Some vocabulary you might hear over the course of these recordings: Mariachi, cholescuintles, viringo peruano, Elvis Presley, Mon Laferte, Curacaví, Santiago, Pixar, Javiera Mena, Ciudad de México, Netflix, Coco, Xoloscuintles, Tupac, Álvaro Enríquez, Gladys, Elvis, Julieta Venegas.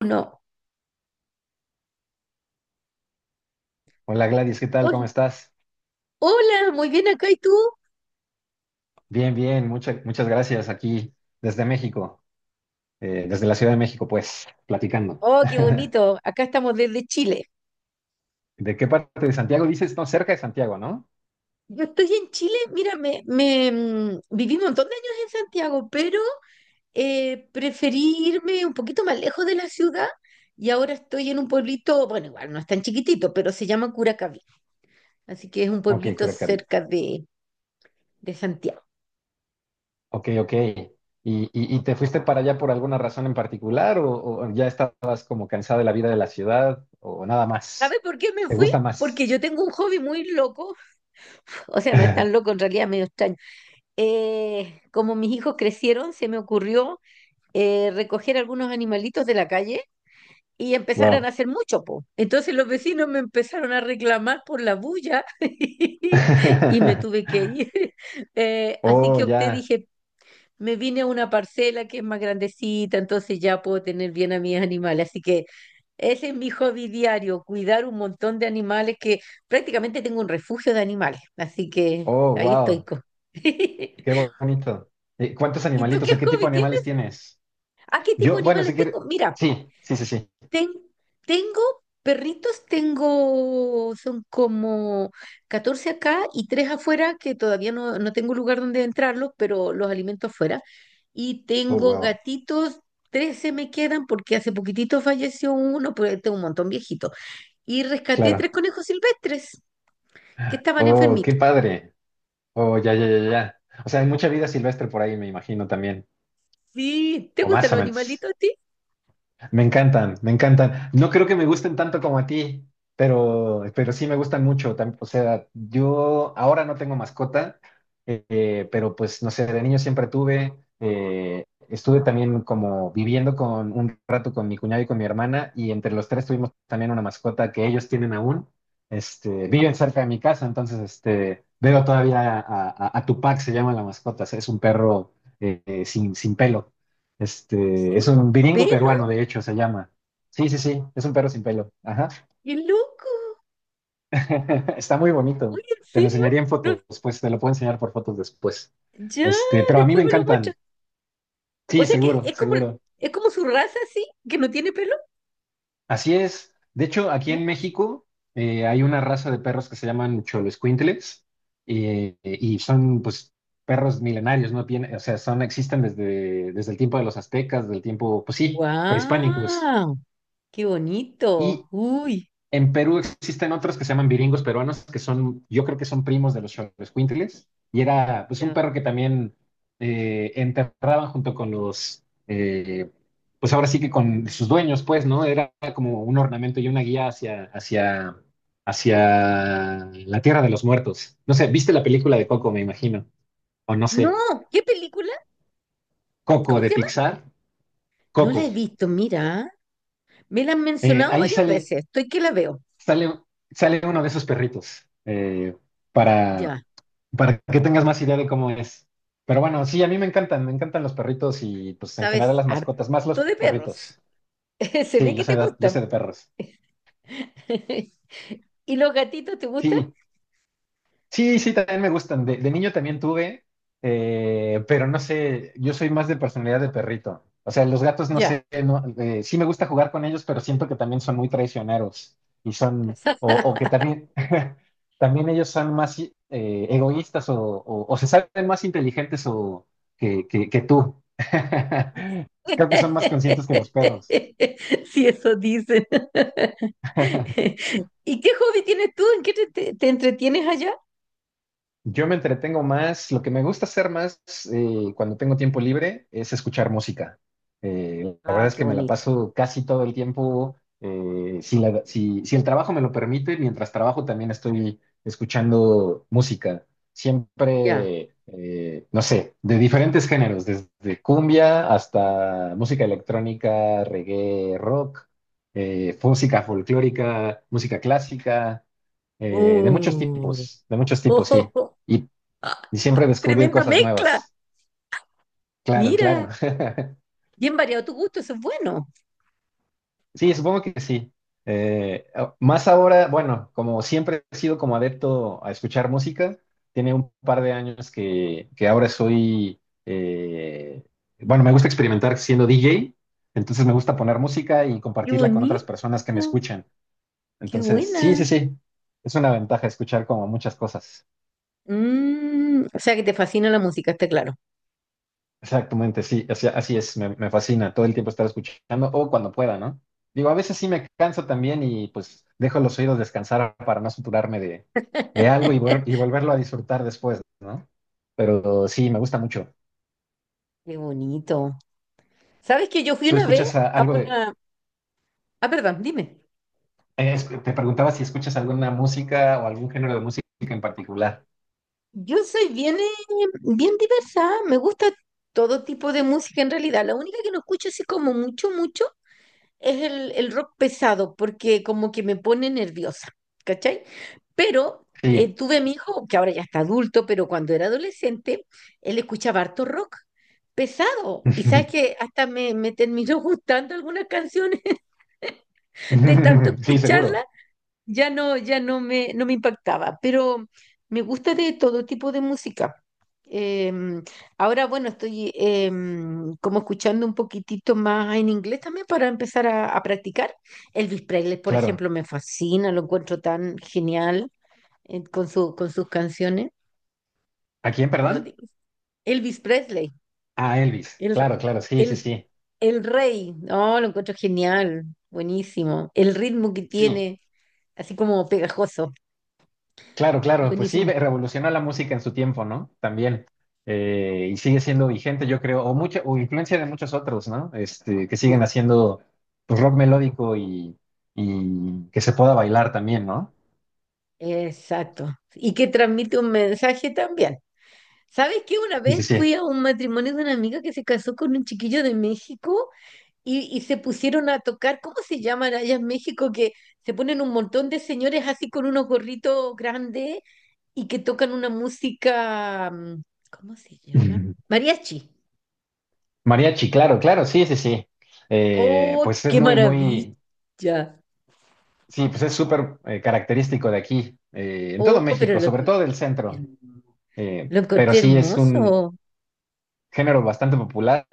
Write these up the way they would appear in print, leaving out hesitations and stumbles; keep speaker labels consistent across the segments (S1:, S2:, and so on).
S1: Uno.
S2: Hola Gladys, ¿qué tal? ¿Cómo
S1: Hol-
S2: estás?
S1: Hola, muy bien acá. ¿Y tú?
S2: Bien, bien, muchas gracias aquí desde México, desde la Ciudad de México, pues, platicando.
S1: Oh, qué bonito. Acá estamos desde Chile.
S2: ¿De qué parte de Santiago dices? No, cerca de Santiago, ¿no?
S1: Yo estoy en Chile, mira, me viví un montón de años en Santiago, pero preferí irme un poquito más lejos de la ciudad y ahora estoy en un pueblito, bueno, igual no es tan chiquitito, pero se llama Curacaví. Así que es un
S2: Ok,
S1: pueblito
S2: Curacaví.
S1: cerca de Santiago.
S2: Ok, ok. ¿Y te fuiste para allá por alguna razón en particular o ya estabas como cansada de la vida de la ciudad o nada
S1: ¿Sabes
S2: más?
S1: por qué me
S2: ¿Te
S1: fui?
S2: gusta más?
S1: Porque yo tengo un hobby muy loco, o sea, no es tan loco, en realidad medio extraño. Como mis hijos crecieron, se me ocurrió recoger algunos animalitos de la calle y empezaron a
S2: Wow.
S1: hacer mucho, po. Entonces los vecinos me empezaron a reclamar por la bulla y me tuve que ir. Así
S2: Oh,
S1: que opté,
S2: ya.
S1: dije, me vine a una parcela que es más grandecita, entonces ya puedo tener bien a mis animales. Así que ese es mi hobby diario, cuidar un montón de animales que prácticamente tengo un refugio de animales. Así que
S2: Oh,
S1: ahí estoy.
S2: wow. Qué bonito. ¿Cuántos
S1: ¿Y tú
S2: animalitos
S1: qué
S2: o qué tipo
S1: hobby
S2: de
S1: tienes?
S2: animales tienes?
S1: ¿A qué tipo
S2: Yo,
S1: de
S2: bueno, si
S1: animales
S2: quiere.
S1: tengo? Mira.
S2: Sí, sí, sí, sí.
S1: Ten- Tengo perritos, tengo, son como 14 acá y tres afuera, que todavía no, no tengo lugar donde entrarlos, pero los alimento afuera. Y
S2: Oh,
S1: tengo
S2: wow.
S1: gatitos, 13 me quedan porque hace poquitito falleció uno, pero tengo un montón viejito. Y rescaté tres
S2: Claro.
S1: conejos silvestres que estaban
S2: Oh, qué
S1: enfermitos.
S2: padre. Oh, ya, ya, ya, ya. O sea, hay mucha vida silvestre por ahí, me imagino también.
S1: Sí, ¿te
S2: O
S1: gustan
S2: más o
S1: los
S2: menos.
S1: animalitos a ti?
S2: Me encantan, me encantan. No creo que me gusten tanto como a ti, pero sí me gustan mucho. O sea, yo ahora no tengo mascota, pero pues no sé, de niño siempre tuve. Estuve también como viviendo con un rato con mi cuñado y con mi hermana, y entre los tres tuvimos también una mascota que ellos tienen aún. Este, viven cerca de mi casa, entonces este, veo todavía a Tupac, se llama la mascota, o sea, es un perro sin pelo.
S1: Sí,
S2: Este, es un viringo
S1: pelo,
S2: peruano, de hecho, se llama. Sí, sí, sí, es un perro sin pelo. Ajá.
S1: qué loco.
S2: Está muy
S1: Uy,
S2: bonito.
S1: ¿en
S2: Te lo
S1: serio?
S2: enseñaría en
S1: No,
S2: fotos, pues te lo puedo enseñar por fotos después.
S1: ya,
S2: Este, pero a mí me
S1: después me lo muestras.
S2: encantan.
S1: O
S2: Sí,
S1: sea que
S2: seguro,
S1: es como,
S2: seguro.
S1: es como su raza, sí, que no tiene pelo.
S2: Así es. De hecho, aquí en México hay una raza de perros que se llaman cholescuintles y son, pues, perros milenarios, ¿no? Bien, o sea, son, existen desde el tiempo de los aztecas, del tiempo, pues sí, prehispánicos.
S1: ¡Wow! ¡Qué bonito!
S2: Y
S1: Uy.
S2: en Perú existen otros que se llaman viringos peruanos, que son, yo creo que son primos de los Xoloscuintles, y era pues un
S1: Ya.
S2: perro que también enterraban junto con los, pues ahora sí que con sus dueños, pues, ¿no? Era como un ornamento y una guía hacia la tierra de los muertos. No sé, ¿viste la película de Coco, me imagino? O no
S1: No,
S2: sé,
S1: ¿qué película?
S2: Coco
S1: ¿Cómo
S2: de
S1: se llama?
S2: Pixar,
S1: No la
S2: Coco.
S1: he visto, mira. Me la han mencionado
S2: Ahí
S1: varias
S2: sale,
S1: veces. Estoy que la veo.
S2: sale, sale uno de esos perritos para
S1: Ya,
S2: para que tengas más idea de cómo es. Pero bueno, sí, a mí me encantan los perritos y pues en general
S1: sabes,
S2: las mascotas, más
S1: harto
S2: los
S1: de perros.
S2: perritos.
S1: Se
S2: Sí,
S1: ve
S2: yo
S1: que te
S2: sé, yo sé
S1: gustan.
S2: de perros.
S1: ¿Y los gatitos te gustan?
S2: Sí, sí, sí, también me gustan. De niño también tuve, pero no sé, yo soy más de personalidad de perrito. O sea, los gatos, no
S1: Ya.
S2: sé, no, sí me gusta jugar con ellos, pero siento que también son muy traicioneros y son, o que también, también ellos son más egoístas o se saben más inteligentes o, que tú. Creo que son más conscientes que los perros.
S1: Sí, eso dicen. ¿Y qué hobby tienes tú? ¿En qué te entretienes allá?
S2: Yo me entretengo más, lo que me gusta hacer más cuando tengo tiempo libre es escuchar música. La verdad
S1: Ah,
S2: es
S1: qué
S2: que me la
S1: bonito.
S2: paso casi todo el tiempo, si el trabajo me lo permite, mientras trabajo también estoy escuchando música.
S1: Ya.
S2: Siempre, no sé, de diferentes géneros, desde cumbia hasta música electrónica, reggae, rock, música folclórica, música clásica
S1: Uh.
S2: de muchos tipos,
S1: Oh,
S2: sí.
S1: oh,
S2: Y,
S1: ah,
S2: y siempre descubrir
S1: tremenda
S2: cosas
S1: mezcla.
S2: nuevas. Claro,
S1: Mira,
S2: claro.
S1: bien variado tu gusto, eso es bueno.
S2: Sí, supongo que sí. Más ahora, bueno, como siempre he sido como adepto a escuchar música, tiene un par de años que ahora soy, eh, bueno, me gusta experimentar siendo DJ, entonces me gusta poner música y
S1: Qué
S2: compartirla con otras personas que me
S1: bonito.
S2: escuchan.
S1: Qué
S2: Entonces, sí, sí,
S1: buena.
S2: sí, es una ventaja escuchar como muchas cosas.
S1: Mm, o sea que te fascina la música, está claro.
S2: Exactamente, sí, así, así es, me fascina todo el tiempo estar escuchando o cuando pueda, ¿no? Digo, a veces sí me canso también y pues dejo los oídos descansar para no saturarme de algo y volverlo a disfrutar después, ¿no? Pero sí, me gusta mucho.
S1: Qué bonito. ¿Sabes que yo fui
S2: ¿Tú
S1: una vez
S2: escuchas
S1: a
S2: algo de...
S1: una... Ah, perdón, dime.
S2: te preguntaba si escuchas alguna música o algún género de música en particular.
S1: Yo soy bien, bien diversa, me gusta todo tipo de música en realidad. La única que no escucho así como mucho, mucho es el rock pesado, porque como que me pone nerviosa, ¿cachai? Pero
S2: Sí.
S1: tuve a mi hijo, que ahora ya está adulto, pero cuando era adolescente, él escuchaba harto rock pesado. Y sabes que hasta me terminó gustando algunas canciones de tanto
S2: Sí,
S1: escucharlas
S2: seguro,
S1: ya no, ya no no me impactaba, pero me gusta de todo tipo de música. Em, Ahora, bueno, estoy como escuchando un poquitito más en inglés también para empezar a practicar. Elvis Presley, por
S2: claro.
S1: ejemplo, me fascina, lo encuentro tan genial con con sus canciones.
S2: ¿A quién, perdón?
S1: Pero di- Elvis Presley,
S2: A Elvis.
S1: el,
S2: Claro, claro, sí, sí,
S1: el,
S2: sí.
S1: el rey, no, lo encuentro genial, buenísimo. El ritmo que
S2: Sí,
S1: tiene, así como pegajoso,
S2: claro, claro, pues sí,
S1: buenísimo.
S2: revolucionó la música en su tiempo, ¿no? También. Y sigue siendo vigente, yo creo, o mucha, o influencia de muchos otros, ¿no? Este, que siguen haciendo pues, rock melódico y que se pueda bailar también, ¿no?
S1: Exacto. Y que transmite un mensaje también. ¿Sabes qué? Una
S2: Sí,
S1: vez
S2: sí, sí.
S1: fui a un matrimonio de una amiga que se casó con un chiquillo de México y se pusieron a tocar, ¿cómo se llaman allá en México? Que se ponen un montón de señores así con unos gorritos grandes y que tocan una música, ¿cómo se llama? Mariachi.
S2: Mariachi, claro, claro, sí, sí, sí.
S1: ¡Oh,
S2: Pues es
S1: qué
S2: muy, muy,
S1: maravilla!
S2: sí, pues es súper característico de aquí, en todo
S1: ¡Oh, pero
S2: México, sobre todo del centro.
S1: lo
S2: Pero
S1: encontré
S2: sí es un,
S1: hermoso!
S2: género bastante popular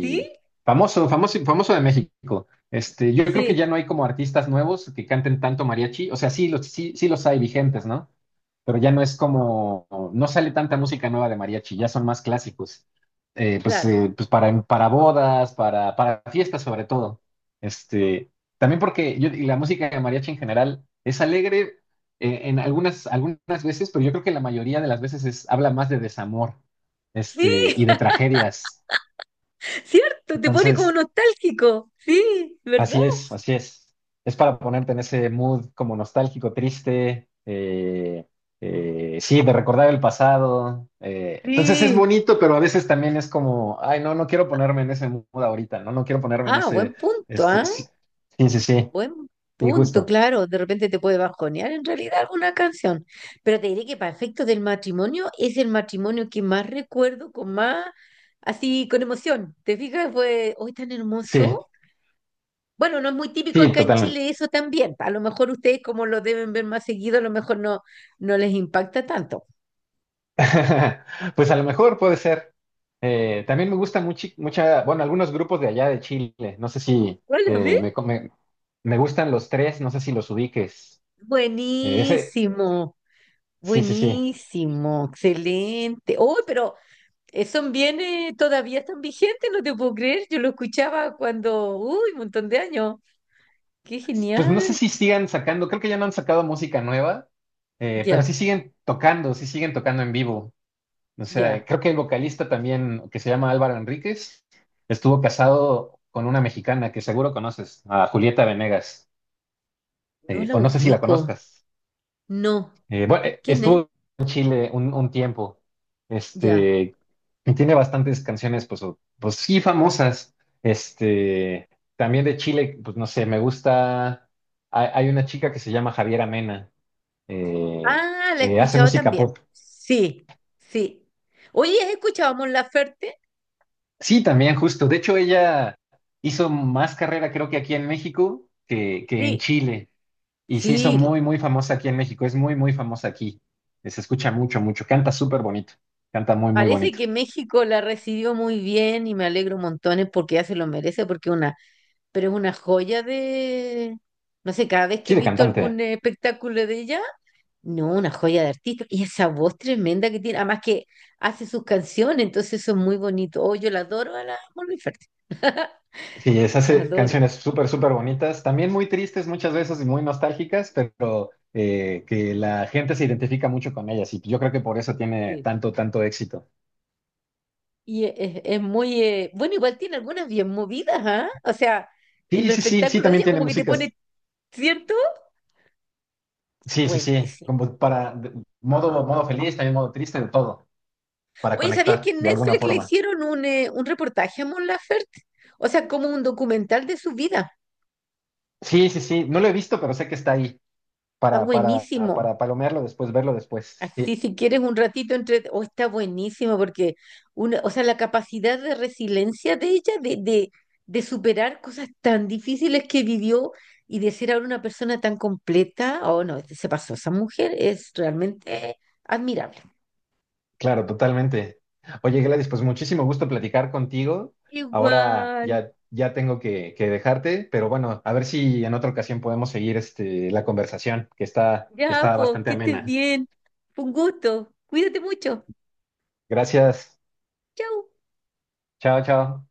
S1: ¿Sí?
S2: famoso, famoso, famoso de México. Este, yo creo que
S1: Sí,
S2: ya no hay como artistas nuevos que canten tanto mariachi. O sea, sí los, sí, sí los hay vigentes, ¿no? Pero ya no es como, no sale tanta música nueva de mariachi, ya son más clásicos. Pues,
S1: claro.
S2: pues para bodas, para fiestas sobre todo. Este, también porque yo, y la música de mariachi en general es alegre en algunas veces, pero yo creo que la mayoría de las veces es, habla más de desamor
S1: Sí,
S2: este, y de tragedias.
S1: ¿cierto? Te pone como
S2: Entonces,
S1: nostálgico. Sí, ¿verdad?
S2: así es, así es. Es para ponerte en ese mood como nostálgico, triste, sí, de recordar el pasado. Eh. Entonces es
S1: Sí.
S2: bonito, pero a veces también es como, ay, no, no quiero ponerme en ese mood ahorita, no, no quiero ponerme en ese, este,
S1: ¿Ah?
S2: sí, sí, sí, sí,
S1: Buen
S2: sí,
S1: punto,
S2: justo,
S1: claro. De repente te puede bajonear en realidad alguna canción. Pero te diré que para efectos del matrimonio es el matrimonio que más recuerdo con más, así, con emoción. ¿Te fijas? Fue hoy tan
S2: sí,
S1: hermoso. Bueno, no es muy típico
S2: sí,
S1: acá en
S2: totalmente.
S1: Chile eso también. A lo mejor ustedes, como lo deben ver más seguido, a lo mejor no, no les impacta tanto.
S2: Pues a lo mejor puede ser. También me gusta mucho, mucha, bueno, algunos grupos de allá de Chile. No sé si
S1: Hola, ¿ves?
S2: me gustan los tres, no sé si los ubiques. Ese,
S1: Buenísimo.
S2: sí, sí, sí.
S1: Buenísimo, excelente. Oh, pero son bienes todavía están vigentes, no te puedo creer. Yo lo escuchaba cuando, uy, un montón de años. Qué
S2: Pues no sé
S1: genial.
S2: si sigan sacando, creo que ya no han sacado música nueva, pero
S1: Ya,
S2: sí siguen tocando en vivo. O sea,
S1: ya.
S2: creo que el vocalista también, que se llama Álvaro Enríquez, estuvo casado con una mexicana que seguro conoces, a Julieta Venegas.
S1: No la
S2: O no sé si la
S1: ubico.
S2: conozcas.
S1: No.
S2: Bueno,
S1: ¿Quién es?
S2: estuvo en Chile un tiempo.
S1: Ya.
S2: Este, y tiene bastantes canciones, pues, pues sí, famosas. Este, también de Chile, pues no sé, me gusta. Hay una chica que se llama Javiera Mena, eh,
S1: Ah, la he
S2: que hace
S1: escuchado
S2: música
S1: también.
S2: pop.
S1: Sí, sí. Oye, ¿has escuchado a Mon Laferte?
S2: Sí, también, justo. De hecho, ella hizo más carrera, creo que aquí en México, que en
S1: Sí,
S2: Chile. Y se hizo
S1: sí.
S2: muy, muy famosa aquí en México. Es muy, muy famosa aquí. Se escucha mucho, mucho. Canta súper bonito. Canta muy, muy
S1: Parece
S2: bonito.
S1: que México la recibió muy bien y me alegro montones porque ya se lo merece, porque una pero es una joya de, no sé, cada vez que
S2: Sí,
S1: he
S2: de
S1: visto
S2: cantante.
S1: algún espectáculo de ella, no, una joya de artista. Y esa voz tremenda que tiene, además que hace sus canciones, entonces eso es muy bonito. Oh, yo la adoro a la Mon Laferte.
S2: Sí, es
S1: La
S2: hace
S1: adoro.
S2: canciones súper, súper bonitas, también muy tristes muchas veces y muy nostálgicas, pero que la gente se identifica mucho con ellas y yo creo que por eso tiene
S1: Sí.
S2: tanto, tanto éxito.
S1: Y es muy, bueno, igual tiene algunas bien movidas, ¿ah? O sea, en
S2: Sí,
S1: los
S2: sí, sí, sí,
S1: espectáculos de
S2: también
S1: ella
S2: tiene
S1: como que te
S2: músicas.
S1: pone, ¿cierto?
S2: Sí, sí, sí,
S1: Buenísimo.
S2: como para modo, modo feliz, también modo triste, de todo, para
S1: Oye, ¿sabías que
S2: conectar
S1: en
S2: de alguna
S1: Netflix le
S2: forma.
S1: hicieron un reportaje a Mon Laferte? O sea, como un documental de su vida.
S2: Sí, sí, sí, no lo he visto, pero sé que está ahí
S1: Está
S2: para, para,
S1: buenísimo.
S2: para palomearlo después, verlo después. Sí.
S1: Así si quieres un ratito entre... Oh, está buenísimo porque una, o sea, la capacidad de resiliencia de ella, de superar cosas tan difíciles que vivió y de ser ahora una persona tan completa, oh no, este, se pasó. Esa mujer es realmente admirable.
S2: Claro, totalmente. Oye, Gladys, pues muchísimo gusto platicar contigo. Ahora
S1: Igual.
S2: ya, ya tengo que dejarte, pero bueno, a ver si en otra ocasión podemos seguir este, la conversación, que
S1: Ya,
S2: está
S1: pues,
S2: bastante
S1: que estés
S2: amena.
S1: bien. Fue un gusto. Cuídate mucho.
S2: Gracias.
S1: Chau.
S2: Chao, chao.